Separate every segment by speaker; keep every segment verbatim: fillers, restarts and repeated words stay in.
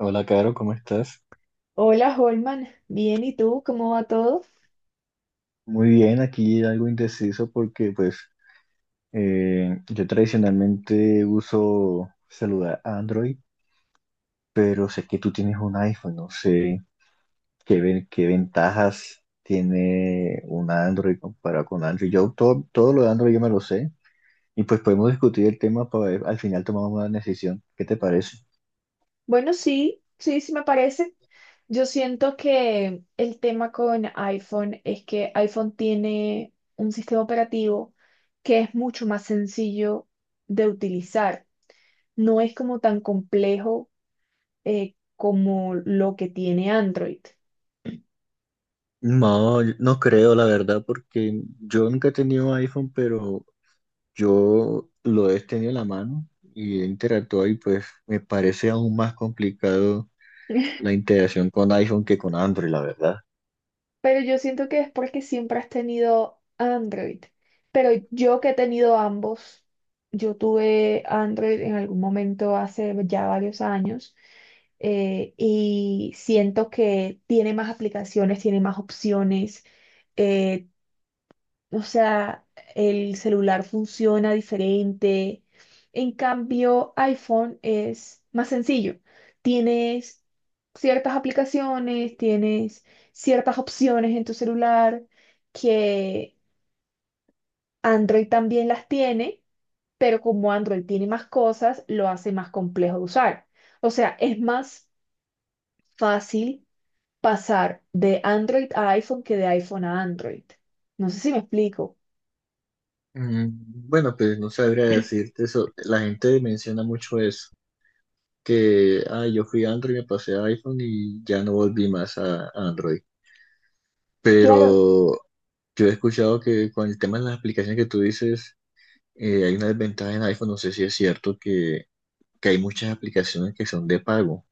Speaker 1: Hola, Caro, ¿cómo estás?
Speaker 2: Hola, Holman. Bien, ¿y tú? ¿Cómo va todo?
Speaker 1: Muy bien, aquí algo indeciso porque pues eh, yo tradicionalmente uso celular Android, pero sé que tú tienes un iPhone, no sé qué, ven- qué ventajas tiene un Android comparado con Android. Yo todo, todo lo de Android yo me lo sé y pues podemos discutir el tema para ver, al final tomamos una decisión. ¿Qué te parece?
Speaker 2: Bueno, sí, sí, sí me parece. Yo siento que el tema con iPhone es que iPhone tiene un sistema operativo que es mucho más sencillo de utilizar. No es como tan complejo eh, como lo que tiene Android.
Speaker 1: No, yo no creo, la verdad, porque yo nunca he tenido iPhone, pero yo lo he tenido en la mano y he interactuado y pues me parece aún más complicado la integración con iPhone que con Android, la verdad.
Speaker 2: Pero yo siento que es porque siempre has tenido Android. Pero yo que he tenido ambos, yo tuve Android en algún momento hace ya varios años eh, y siento que tiene más aplicaciones, tiene más opciones, eh, o sea, el celular funciona diferente. En cambio, iPhone es más sencillo. Tienes ciertas aplicaciones, tienes ciertas opciones en tu celular que Android también las tiene, pero como Android tiene más cosas, lo hace más complejo de usar. O sea, es más fácil pasar de Android a iPhone que de iPhone a Android. No sé si me explico.
Speaker 1: Mm. Bueno, pues no sabría decirte eso. La gente menciona mucho eso, que ah, yo fui a Android, me pasé a iPhone y ya no volví más a a Android.
Speaker 2: Claro.
Speaker 1: Pero yo he escuchado que con el tema de las aplicaciones que tú dices, eh, hay una desventaja en iPhone. No sé si es cierto que, que hay muchas aplicaciones que son de pago.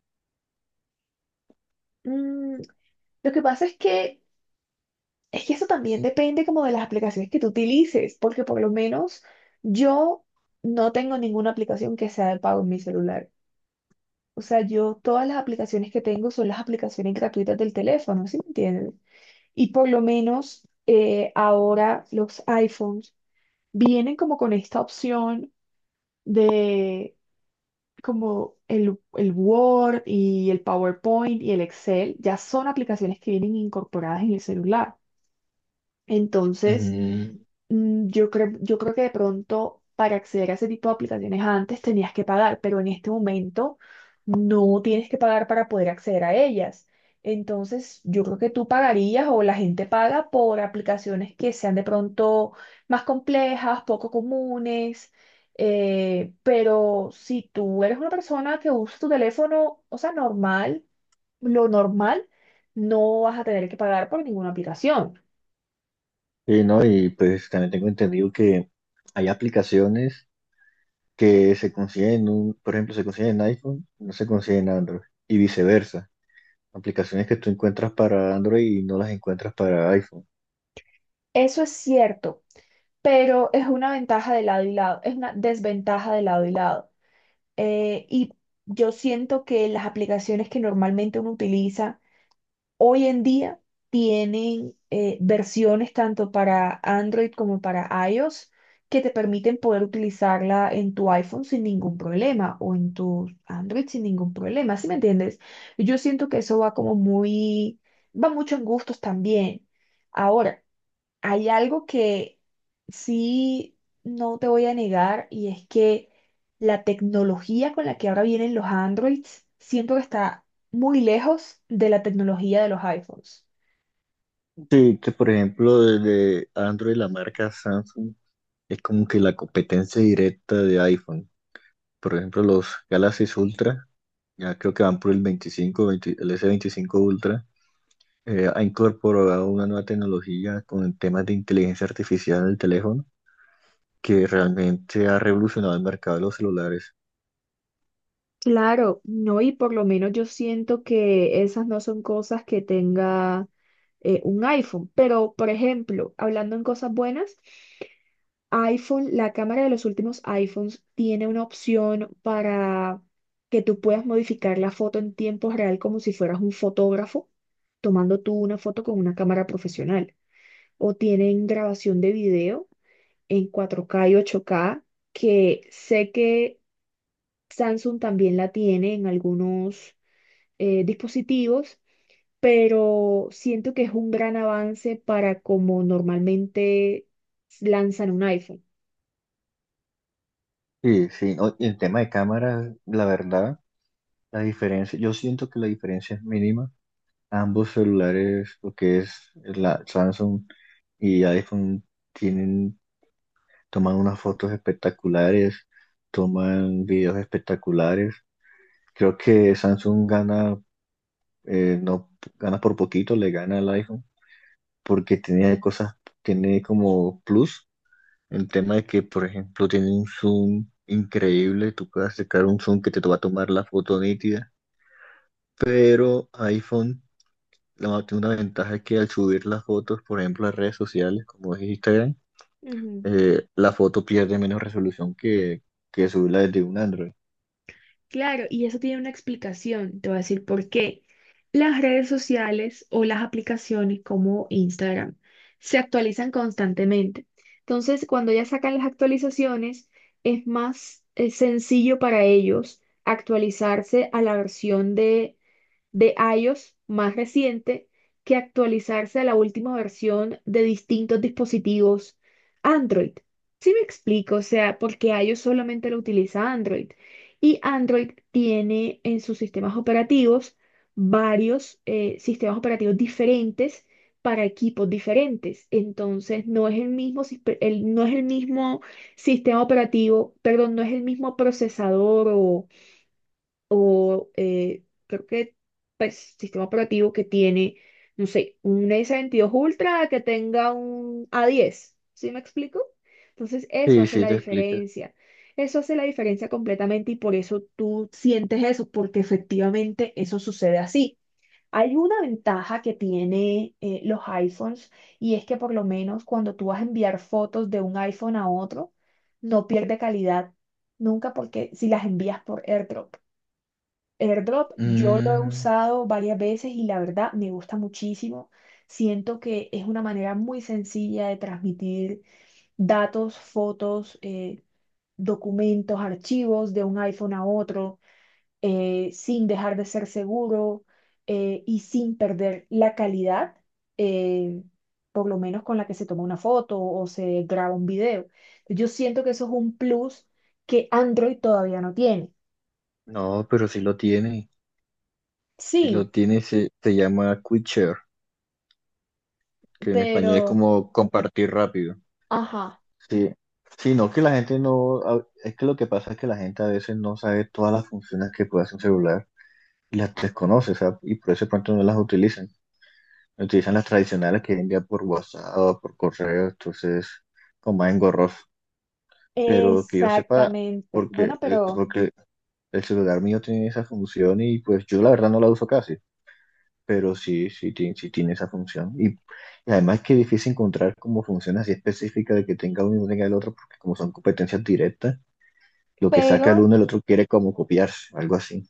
Speaker 2: mm, Lo que pasa es que, es que eso también depende como de las aplicaciones que tú utilices, porque por lo menos yo no tengo ninguna aplicación que sea de pago en mi celular. O sea, yo todas las aplicaciones que tengo son las aplicaciones gratuitas del teléfono, ¿sí me entiendes? Y por lo menos eh, ahora los iPhones vienen como con esta opción de como el, el Word y el PowerPoint y el Excel, ya son aplicaciones que vienen incorporadas en el celular. Entonces,
Speaker 1: Mm.
Speaker 2: Mm, Yo creo, yo creo que de pronto para acceder a ese tipo de aplicaciones antes tenías que pagar, pero en este momento no tienes que pagar para poder acceder a ellas. Entonces, yo creo que tú pagarías o la gente paga por aplicaciones que sean de pronto más complejas, poco comunes, eh, pero si tú eres una persona que usa tu teléfono, o sea, normal, lo normal, no vas a tener que pagar por ninguna aplicación.
Speaker 1: Sí, ¿no? Y pues también tengo entendido que hay aplicaciones que se consiguen, en un, por ejemplo, se consiguen en iPhone, no se consiguen en Android, y viceversa. Aplicaciones que tú encuentras para Android y no las encuentras para iPhone.
Speaker 2: Eso es cierto, pero es una ventaja de lado y lado, es una desventaja de lado y lado. Eh, y yo siento que las aplicaciones que normalmente uno utiliza hoy en día tienen eh, versiones tanto para Android como para iOS que te permiten poder utilizarla en tu iPhone sin ningún problema o en tu Android sin ningún problema, ¿sí me entiendes? Yo siento que eso va como muy, va mucho en gustos también. Ahora, hay algo que sí no te voy a negar, y es que la tecnología con la que ahora vienen los Androids siento que está muy lejos de la tecnología de los iPhones.
Speaker 1: Sí, que por ejemplo, desde Android la marca Samsung es como que la competencia directa de iPhone. Por ejemplo, los Galaxy Ultra, ya creo que van por el veinticinco veinte el s veinticinco Ultra, eh, ha incorporado una nueva tecnología con temas de inteligencia artificial en el teléfono que realmente ha revolucionado el mercado de los celulares.
Speaker 2: Claro, no, y por lo menos yo siento que esas no son cosas que tenga eh, un iPhone, pero por ejemplo, hablando en cosas buenas. iPhone, la cámara de los últimos iPhones tiene una opción para que tú puedas modificar la foto en tiempo real como si fueras un fotógrafo, tomando tú una foto con una cámara profesional. O tienen grabación de video en cuatro k y ocho k, que sé que Samsung también la tiene en algunos eh, dispositivos, pero siento que es un gran avance para como normalmente lanzan un iPhone.
Speaker 1: Sí, sí, no, y el tema de cámaras, la verdad, la diferencia, yo siento que la diferencia es mínima. Ambos celulares, lo que es la Samsung y iPhone, tienen, toman unas fotos espectaculares, toman videos espectaculares. Creo que Samsung gana, eh, no gana por poquito, le gana al iPhone, porque tiene cosas, tiene como plus el tema de que, por ejemplo, tiene un zoom increíble, tú puedes sacar un zoom que te va a tomar la foto nítida, pero iPhone la, tiene una ventaja es que al subir las fotos, por ejemplo, a redes sociales como es Instagram,
Speaker 2: Ujú.
Speaker 1: eh, la foto pierde menos resolución que, que subirla desde un Android.
Speaker 2: Claro, y eso tiene una explicación. Te voy a decir por qué. Las redes sociales o las aplicaciones como Instagram se actualizan constantemente. Entonces, cuando ya sacan las actualizaciones, es más eh, sencillo para ellos actualizarse a la versión de de iOS más reciente que actualizarse a la última versión de distintos dispositivos Android. ¿Si me explico? O sea, porque iOS solamente lo utiliza Android y Android tiene en sus sistemas operativos varios eh, sistemas operativos diferentes para equipos diferentes. Entonces, no es el mismo, sis- el- no es el mismo sistema operativo, perdón, no es el mismo procesador o o eh, creo que pues, sistema operativo que tiene, no sé, un s veintidós Ultra que tenga un a diez, ¿sí me explico? Entonces eso
Speaker 1: Sí,
Speaker 2: hace
Speaker 1: sí,
Speaker 2: la
Speaker 1: te explica.
Speaker 2: diferencia, eso hace la diferencia completamente y por eso tú sientes eso, porque efectivamente eso sucede así. Hay una ventaja que tiene eh, los iPhones, y es que por lo menos cuando tú vas a enviar fotos de un iPhone a otro, no pierde calidad nunca porque si las envías por AirDrop. AirDrop yo lo he
Speaker 1: Mm,
Speaker 2: usado varias veces y la verdad me gusta muchísimo. Siento que es una manera muy sencilla de transmitir datos, fotos, eh, documentos, archivos de un iPhone a otro, eh, sin dejar de ser seguro eh, y sin perder la calidad, eh, por lo menos con la que se toma una foto o se graba un video. Yo siento que eso es un plus que Android todavía no tiene.
Speaker 1: no, pero sí lo tiene, sí
Speaker 2: Sí,
Speaker 1: lo tiene, se, se llama Quick Share, que en español es
Speaker 2: pero...
Speaker 1: como compartir rápido.
Speaker 2: Ajá.
Speaker 1: Sí, sí, no que la gente no, a- es que lo que pasa es que la gente a veces no sabe todas las funciones que puede hacer un celular y las desconoce, o sea, y por eso de pronto no las utilizan. Utilizan las tradicionales que envían por WhatsApp o por correo, entonces como más engorroso. Pero que yo sepa,
Speaker 2: Exactamente.
Speaker 1: porque
Speaker 2: Bueno,
Speaker 1: el,
Speaker 2: pero,
Speaker 1: porque el celular mío tiene esa función y pues yo la verdad no la uso casi, pero sí, sí, ti- sí tiene esa función. Y, y además que es difícil encontrar como funciones así específicas de que tenga uno y no tenga el otro, porque como son competencias directas lo que saca el
Speaker 2: pero
Speaker 1: uno, el otro quiere como copiarse, algo así.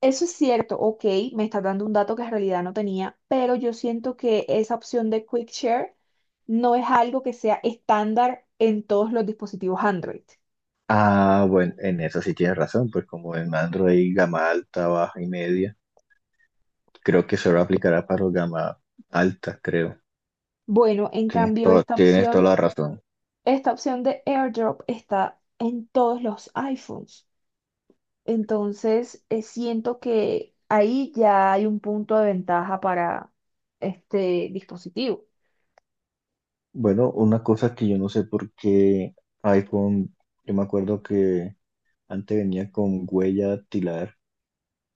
Speaker 2: eso es cierto, ok, me estás dando un dato que en realidad no tenía, pero yo siento que esa opción de Quick Share no es algo que sea estándar en todos los dispositivos Android.
Speaker 1: Ah, bueno, en eso sí tienes razón, pues como en Android gama alta, baja y media, creo que solo aplicará para los gama alta, creo.
Speaker 2: Bueno, en
Speaker 1: Tienes
Speaker 2: cambio,
Speaker 1: todo,
Speaker 2: esta
Speaker 1: tienes toda
Speaker 2: opción,
Speaker 1: la razón.
Speaker 2: esta opción de AirDrop está en todos los iPhones. Entonces, eh, siento que ahí ya hay un punto de ventaja para este dispositivo.
Speaker 1: Bueno, una cosa que yo no sé por qué iPhone, yo me acuerdo que antes venía con huella dactilar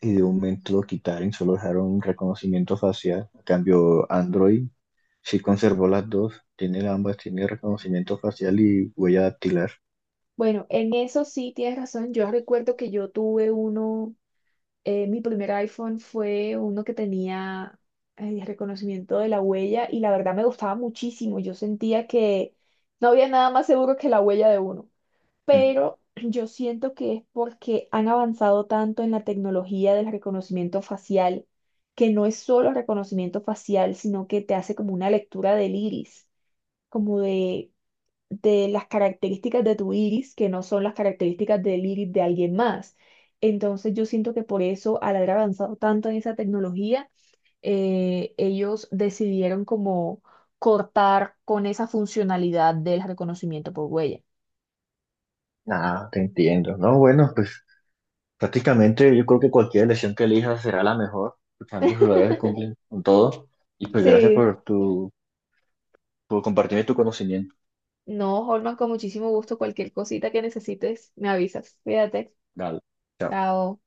Speaker 1: y de un momento lo quitaron, y solo dejaron reconocimiento facial. En cambio, Android sí conservó las dos, tiene ambas, tiene reconocimiento facial y huella dactilar.
Speaker 2: Bueno, en eso sí tienes razón. Yo recuerdo que yo tuve uno, eh, mi primer iPhone fue uno que tenía eh, reconocimiento de la huella y la verdad me gustaba muchísimo. Yo sentía que no había nada más seguro que la huella de uno. Pero yo siento que es porque han avanzado tanto en la tecnología del reconocimiento facial, que no es solo reconocimiento facial, sino que te hace como una lectura del iris, como de, de las características de tu iris, que no son las características del iris de alguien más. Entonces yo siento que por eso, al haber avanzado tanto en esa tecnología, eh, ellos decidieron como cortar con esa funcionalidad del reconocimiento por huella.
Speaker 1: Nada, te entiendo. No, bueno, pues prácticamente yo creo que cualquier elección que elijas será la mejor, porque ambos lugares se cumplen con todo. Y pues gracias
Speaker 2: Sí.
Speaker 1: por tu, por compartirme tu conocimiento.
Speaker 2: No, Holman, con muchísimo gusto. Cualquier cosita que necesites, me avisas. Cuídate.
Speaker 1: Dale. Chao.
Speaker 2: Chao.